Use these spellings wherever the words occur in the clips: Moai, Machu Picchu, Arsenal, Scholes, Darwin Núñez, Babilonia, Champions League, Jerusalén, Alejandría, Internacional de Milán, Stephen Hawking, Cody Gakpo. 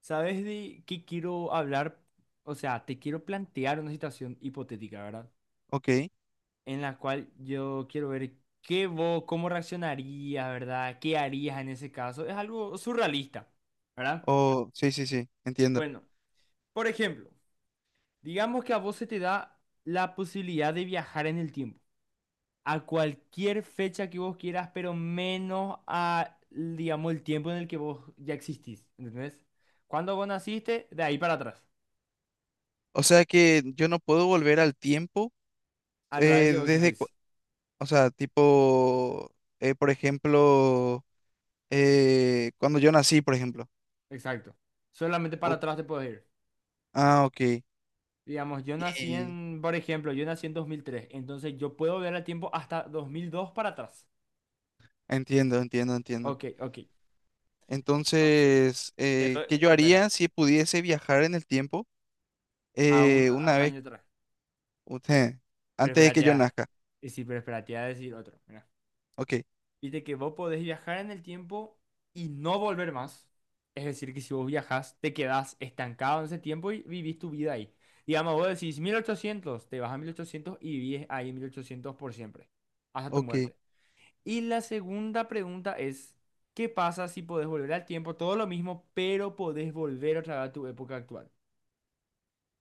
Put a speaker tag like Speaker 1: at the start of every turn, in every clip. Speaker 1: ¿Sabes de qué quiero hablar? O sea, te quiero plantear una situación hipotética, ¿verdad?
Speaker 2: Ok.
Speaker 1: En la cual yo quiero ver qué vos, cómo reaccionarías, ¿verdad? ¿Qué harías en ese caso? Es algo surrealista, ¿verdad?
Speaker 2: Oh, sí, sí, sí, entiendo.
Speaker 1: Bueno, por ejemplo, digamos que a vos se te da la posibilidad de viajar en el tiempo a cualquier fecha que vos quieras, pero menos a, digamos, el tiempo en el que vos ya existís, ¿entendés? Cuando vos naciste, de ahí para atrás,
Speaker 2: O sea que yo no puedo volver al tiempo
Speaker 1: al lugar en el que
Speaker 2: eh,
Speaker 1: vos
Speaker 2: desde, cu-
Speaker 1: existís.
Speaker 2: o sea, tipo, por ejemplo, cuando yo nací, por ejemplo.
Speaker 1: Exacto. Solamente para
Speaker 2: O-
Speaker 1: atrás te puedes ir.
Speaker 2: ah, ok.
Speaker 1: Digamos, yo nací
Speaker 2: Y
Speaker 1: en, por ejemplo, yo nací en 2003. Entonces yo puedo ver el tiempo hasta 2002 para atrás.
Speaker 2: entiendo.
Speaker 1: Ok, ok. Entonces,
Speaker 2: Entonces,
Speaker 1: te doy-
Speaker 2: ¿qué yo
Speaker 1: espera,
Speaker 2: haría si pudiese viajar en el tiempo
Speaker 1: a
Speaker 2: una
Speaker 1: un
Speaker 2: vez,
Speaker 1: año atrás. Pero
Speaker 2: antes de que
Speaker 1: espérate
Speaker 2: yo
Speaker 1: a...
Speaker 2: nazca?
Speaker 1: Y sí, pero espérate a decir otro.
Speaker 2: Ok,
Speaker 1: Viste que vos podés viajar en el tiempo y no volver más. Es decir, que si vos viajás, te quedás estancado en ese tiempo y vivís tu vida ahí. Digamos, vos decís 1800, te vas a 1800 y vivís ahí en 1800 por siempre, hasta tu
Speaker 2: ok.
Speaker 1: muerte. Y la segunda pregunta es, ¿qué pasa si podés volver al tiempo? Todo lo mismo, pero podés volver otra vez a tu época actual.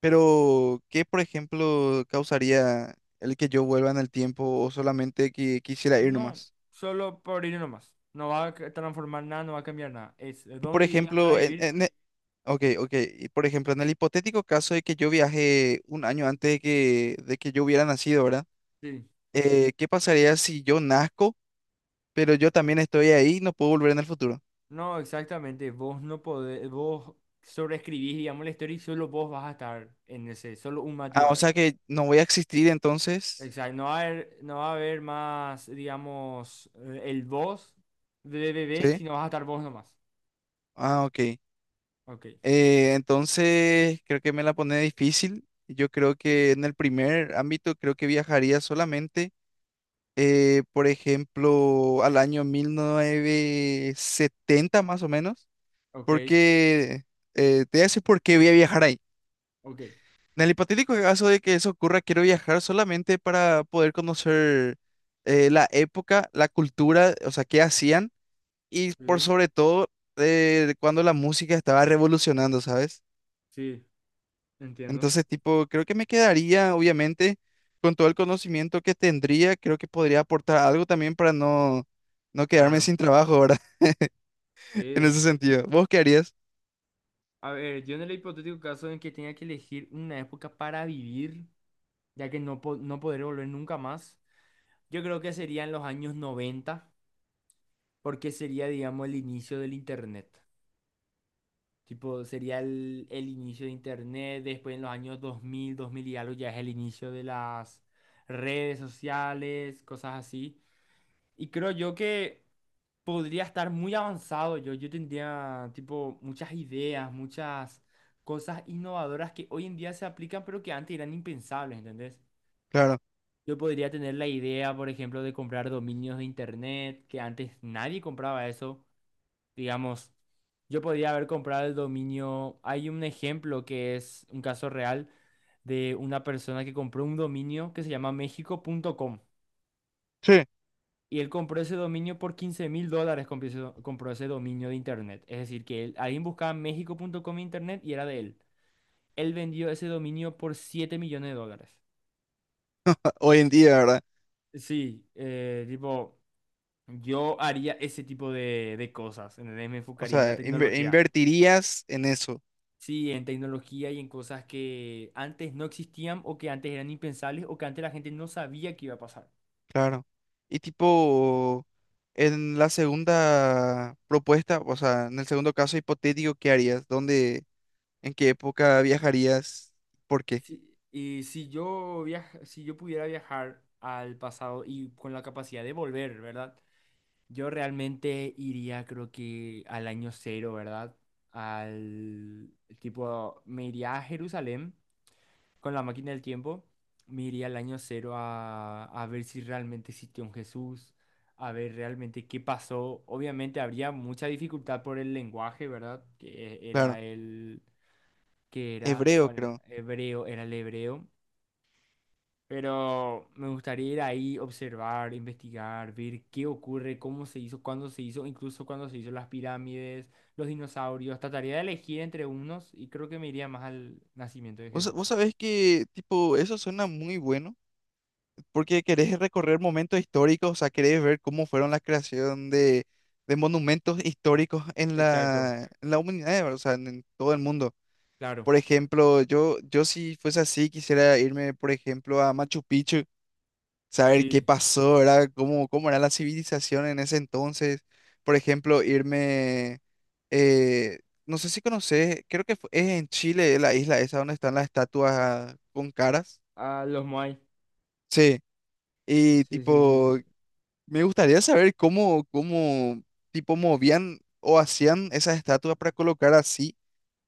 Speaker 2: Pero ¿qué, por ejemplo, causaría el que yo vuelva en el tiempo o solamente que quisiera ir
Speaker 1: No,
Speaker 2: nomás?
Speaker 1: solo por ir nomás. No va a ca- transformar nada, no va a cambiar nada. Es,
Speaker 2: Y, por
Speaker 1: ¿dónde irías para
Speaker 2: ejemplo,
Speaker 1: vivir?
Speaker 2: en e- Ok, ok, y, por ejemplo, en el hipotético caso de que yo viaje un año antes de que yo hubiera nacido, ¿verdad?
Speaker 1: Sí.
Speaker 2: ¿Qué pasaría si yo nazco, pero yo también estoy ahí y no puedo volver en el futuro?
Speaker 1: No, exactamente. Vos no podés, vos sobreescribís, digamos, la historia y solo vos vas a estar en ese, solo un Mati
Speaker 2: Ah,
Speaker 1: va a
Speaker 2: o
Speaker 1: haber.
Speaker 2: sea que no voy a existir entonces,
Speaker 1: Exacto, no va a haber, no va a haber más, digamos, el vos de bebé,
Speaker 2: ¿sí?
Speaker 1: sino vas a estar vos nomás.
Speaker 2: Ah, ok.
Speaker 1: Ok,
Speaker 2: Entonces, creo que me la pone difícil. Yo creo que en el primer ámbito, creo que viajaría solamente, por ejemplo, al año 1970 más o menos,
Speaker 1: ok,
Speaker 2: porque te voy a decir por qué voy a viajar ahí.
Speaker 1: ok.
Speaker 2: En el hipotético caso de que eso ocurra, quiero viajar solamente para poder conocer la época, la cultura, o sea, qué hacían y por
Speaker 1: Sí,
Speaker 2: sobre todo cuando la música estaba revolucionando, ¿sabes?
Speaker 1: sí, entiendo.
Speaker 2: Entonces, tipo, creo que me quedaría, obviamente, con todo el conocimiento que tendría, creo que podría aportar algo también para no quedarme
Speaker 1: Claro,
Speaker 2: sin trabajo, ¿verdad? En
Speaker 1: sí.
Speaker 2: ese sentido. ¿Vos qué harías?
Speaker 1: A ver, yo en el hipotético caso en que tenga que elegir una época para vivir, ya que no, po- no podré volver nunca más, yo creo que serían los años noventa, porque sería, digamos, el inicio del Internet. Tipo, sería el inicio de Internet, después en los años 2000, 2000 y algo ya es el inicio de las redes sociales, cosas así. Y creo yo que podría estar muy avanzado yo. Yo tendría, tipo, muchas ideas, muchas cosas innovadoras que hoy en día se aplican, pero que antes eran impensables, ¿entendés?
Speaker 2: Claro.
Speaker 1: Yo podría tener la idea, por ejemplo, de comprar dominios de Internet, que antes nadie compraba eso. Digamos, yo podría haber comprado el dominio. Hay un ejemplo que es un caso real de una persona que compró un dominio que se llama mexico.com,
Speaker 2: Sí.
Speaker 1: y él compró ese dominio por 15.000 dólares, compró ese, do- compró ese dominio de internet. Es decir, que él, alguien buscaba mexico.com en internet y era de él. Él vendió ese dominio por 7 millones de dólares. Y-
Speaker 2: Hoy en día,
Speaker 1: y-
Speaker 2: ¿verdad?
Speaker 1: Sí, tipo, yo haría ese tipo de cosas, ¿entendés? Me
Speaker 2: O
Speaker 1: enfocaría en la
Speaker 2: sea,
Speaker 1: tecnología.
Speaker 2: invertirías en eso,
Speaker 1: Sí, en tecnología y en cosas que antes no existían o que antes eran impensables o que antes la gente no sabía que iba a pasar.
Speaker 2: claro. Y tipo, en la segunda propuesta, o sea, en el segundo caso hipotético, ¿qué harías? ¿Dónde, en qué época viajarías? ¿Por qué?
Speaker 1: Sí, y si yo viaj- si yo pudiera viajar al pasado y con la capacidad de volver, ¿verdad? Yo realmente iría, creo que al año cero, ¿verdad? Al tipo, me iría a Jerusalén con la máquina del tiempo, me iría al año cero a ver si realmente existió un Jesús, a ver realmente qué pasó. Obviamente habría mucha dificultad por el lenguaje, ¿verdad? Que era
Speaker 2: Claro,
Speaker 1: el, que era,
Speaker 2: hebreo,
Speaker 1: ¿cuál era?
Speaker 2: creo.
Speaker 1: Hebreo, era el hebreo. Pero me gustaría ir ahí, observar, investigar, ver qué ocurre, cómo se hizo, cuándo se hizo, incluso cuándo se hizo las pirámides, los dinosaurios. Trataría de elegir entre unos y creo que me iría más al nacimiento de
Speaker 2: Vos, vos
Speaker 1: Jesús.
Speaker 2: sabés que, tipo, eso suena muy bueno, porque querés recorrer momentos históricos, o sea, querés ver cómo fueron la creación de monumentos históricos
Speaker 1: Exacto,
Speaker 2: en la humanidad, ¿verdad? O sea, en todo el mundo.
Speaker 1: claro.
Speaker 2: Por ejemplo, yo si fuese así, quisiera irme, por ejemplo, a Machu Picchu, saber qué
Speaker 1: Sí,
Speaker 2: pasó, ¿verdad? ¿Cómo, cómo era la civilización en ese entonces? Por ejemplo, irme, eh, no sé si conoces, creo que es en Chile, la isla esa donde están las estatuas con caras.
Speaker 1: a los Moai.
Speaker 2: Sí, y
Speaker 1: Sí, sí, sí, sí,
Speaker 2: tipo, me gustaría saber cómo, cómo, tipo, movían o hacían esas estatuas para colocar así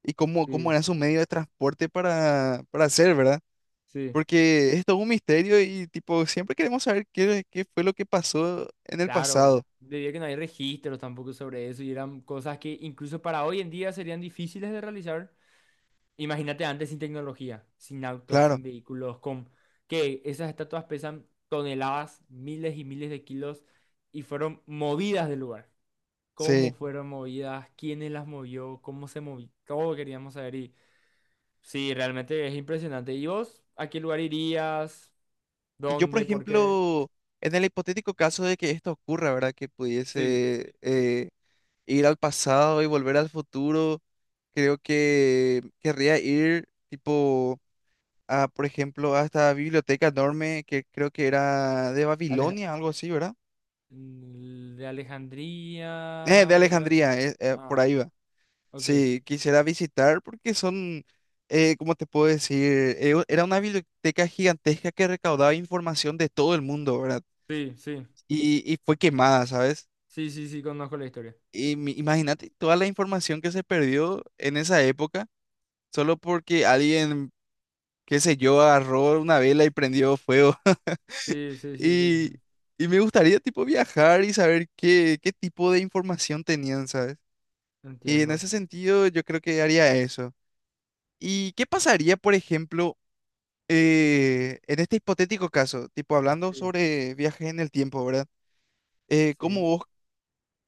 Speaker 2: y cómo, cómo
Speaker 1: sí,
Speaker 2: era su medio de transporte para hacer, ¿verdad?
Speaker 1: sí.
Speaker 2: Porque es todo un misterio y tipo, siempre queremos saber qué, qué fue lo que pasó en el
Speaker 1: Claro,
Speaker 2: pasado.
Speaker 1: debido a que no hay registros tampoco sobre eso y eran cosas que incluso para hoy en día serían difíciles de realizar. Imagínate antes sin tecnología, sin autos,
Speaker 2: Claro,
Speaker 1: sin vehículos, con que esas estatuas pesan toneladas, miles y miles de kilos y fueron movidas del lugar. ¿Cómo
Speaker 2: sí.
Speaker 1: fueron movidas? ¿Quiénes las movió? ¿Cómo se movió? Todo queríamos saber y sí, realmente es impresionante. ¿Y vos a qué lugar irías?
Speaker 2: Y yo, por
Speaker 1: ¿Dónde? ¿Por qué?
Speaker 2: ejemplo, en el hipotético caso de que esto ocurra, ¿verdad? Que
Speaker 1: Sí.
Speaker 2: pudiese ir al pasado y volver al futuro, creo que querría ir tipo a, por ejemplo, a esta biblioteca enorme que creo que era de
Speaker 1: Aleja-
Speaker 2: Babilonia, algo así, ¿verdad?
Speaker 1: de Alejandría,
Speaker 2: De
Speaker 1: Babilonia.
Speaker 2: Alejandría, por
Speaker 1: Ah,
Speaker 2: ahí va.
Speaker 1: ok.
Speaker 2: Sí, quisiera visitar porque son, ¿cómo te puedo decir? Era una biblioteca gigantesca que recaudaba información de todo el mundo, ¿verdad?
Speaker 1: Sí, sí.
Speaker 2: Y fue quemada, ¿sabes?
Speaker 1: Sí, sí, sí, conozco la historia.
Speaker 2: Y imagínate toda la información que se perdió en esa época solo porque alguien, qué sé yo, agarró una vela y prendió fuego.
Speaker 1: Sí, sí, sí, sí.
Speaker 2: Y, y me gustaría tipo viajar y saber qué, qué tipo de información tenían, ¿sabes? Y en
Speaker 1: Entiendo.
Speaker 2: ese sentido yo creo que haría eso. ¿Y qué pasaría, por ejemplo? Eh, en este hipotético caso, tipo hablando
Speaker 1: Sí,
Speaker 2: sobre viajes en el tiempo, ¿verdad? ¿Cómo
Speaker 1: sí.
Speaker 2: vos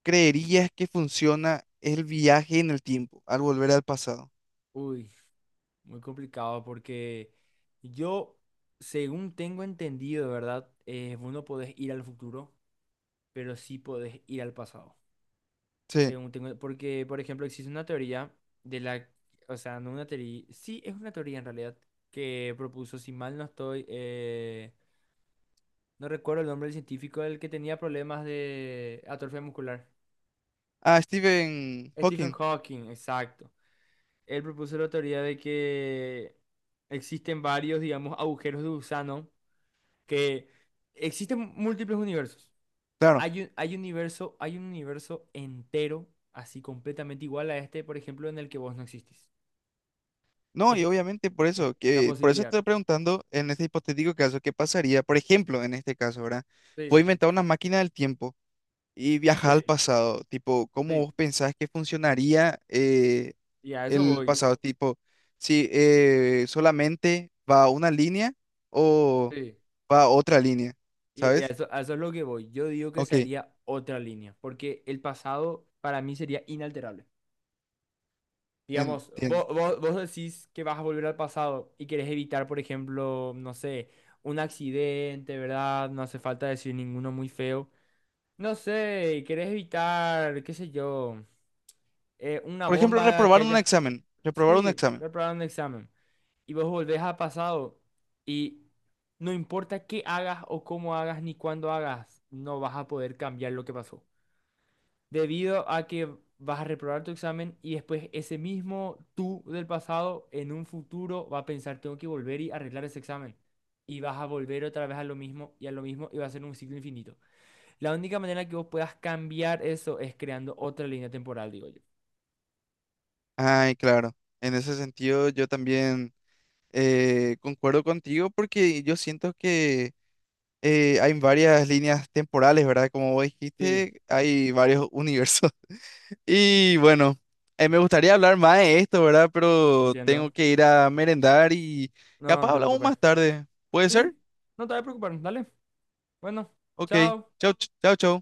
Speaker 2: creerías que funciona el viaje en el tiempo al volver al pasado?
Speaker 1: Uy, muy complicado porque yo, según tengo entendido, ¿verdad? Vos no podés ir al futuro, pero sí podés ir al pasado.
Speaker 2: Sí.
Speaker 1: Según tengo, porque, por ejemplo, existe una teoría de la, o sea, no una teoría, sí, es una teoría en realidad, que propuso, si mal no estoy, no recuerdo el nombre del científico, el que tenía problemas de atrofia muscular.
Speaker 2: Ah, Stephen
Speaker 1: Stephen
Speaker 2: Hawking,
Speaker 1: Hawking, exacto. Él propuso la teoría de que existen varios, digamos, agujeros de gusano, que existen múltiples universos.
Speaker 2: claro.
Speaker 1: Hay un, hay universo, hay un universo entero, así completamente igual a este, por ejemplo, en el que vos no existís.
Speaker 2: No, y
Speaker 1: Es...
Speaker 2: obviamente por
Speaker 1: Es
Speaker 2: eso,
Speaker 1: una
Speaker 2: que por eso
Speaker 1: posibilidad.
Speaker 2: estoy preguntando en este hipotético caso, ¿qué pasaría? Por ejemplo, en este caso, ¿verdad? Fue
Speaker 1: Sí,
Speaker 2: inventar una máquina del tiempo y viajar
Speaker 1: sí,
Speaker 2: al pasado, tipo, ¿cómo
Speaker 1: sí.
Speaker 2: vos pensás que funcionaría?
Speaker 1: Y a eso
Speaker 2: El
Speaker 1: voy.
Speaker 2: pasado, tipo, si solamente va una línea o
Speaker 1: Sí.
Speaker 2: va otra línea,
Speaker 1: Y
Speaker 2: ¿sabes?
Speaker 1: a eso es lo que voy. Yo digo que
Speaker 2: Ok,
Speaker 1: sería otra línea, porque el pasado para mí sería inalterable. Digamos,
Speaker 2: entiendo.
Speaker 1: vos decís que vas a volver al pasado y querés evitar, por ejemplo, no sé, un accidente, ¿verdad? No hace falta decir ninguno muy feo. No sé, querés evitar, qué sé yo, una
Speaker 2: Por ejemplo,
Speaker 1: bomba que
Speaker 2: reprobar un
Speaker 1: haya...
Speaker 2: examen, reprobar un
Speaker 1: Sí,
Speaker 2: examen.
Speaker 1: preparar un examen. Y vos volvés a pasado y no importa qué hagas o cómo hagas ni cuándo hagas, no vas a poder cambiar lo que pasó. Debido a que vas a reprobar tu examen y después ese mismo tú del pasado en un futuro va a pensar, tengo que volver y arreglar ese examen. Y vas a volver otra vez a lo mismo y a lo mismo y va a ser un ciclo infinito. La única manera que vos puedas cambiar eso es creando otra línea temporal, digo yo.
Speaker 2: Ay, claro, en ese sentido yo también concuerdo contigo porque yo siento que hay varias líneas temporales, ¿verdad? Como vos
Speaker 1: Sí.
Speaker 2: dijiste, hay varios universos. Y bueno, me gustaría hablar más de esto, ¿verdad? Pero tengo
Speaker 1: Entiendo.
Speaker 2: que ir a merendar y
Speaker 1: No, no
Speaker 2: capaz
Speaker 1: te
Speaker 2: hablamos
Speaker 1: preocupes.
Speaker 2: más tarde. ¿Puede ser?
Speaker 1: Sí, no te voy a preocupar, dale. Bueno,
Speaker 2: Ok.
Speaker 1: chao.
Speaker 2: Chau, chau, chau.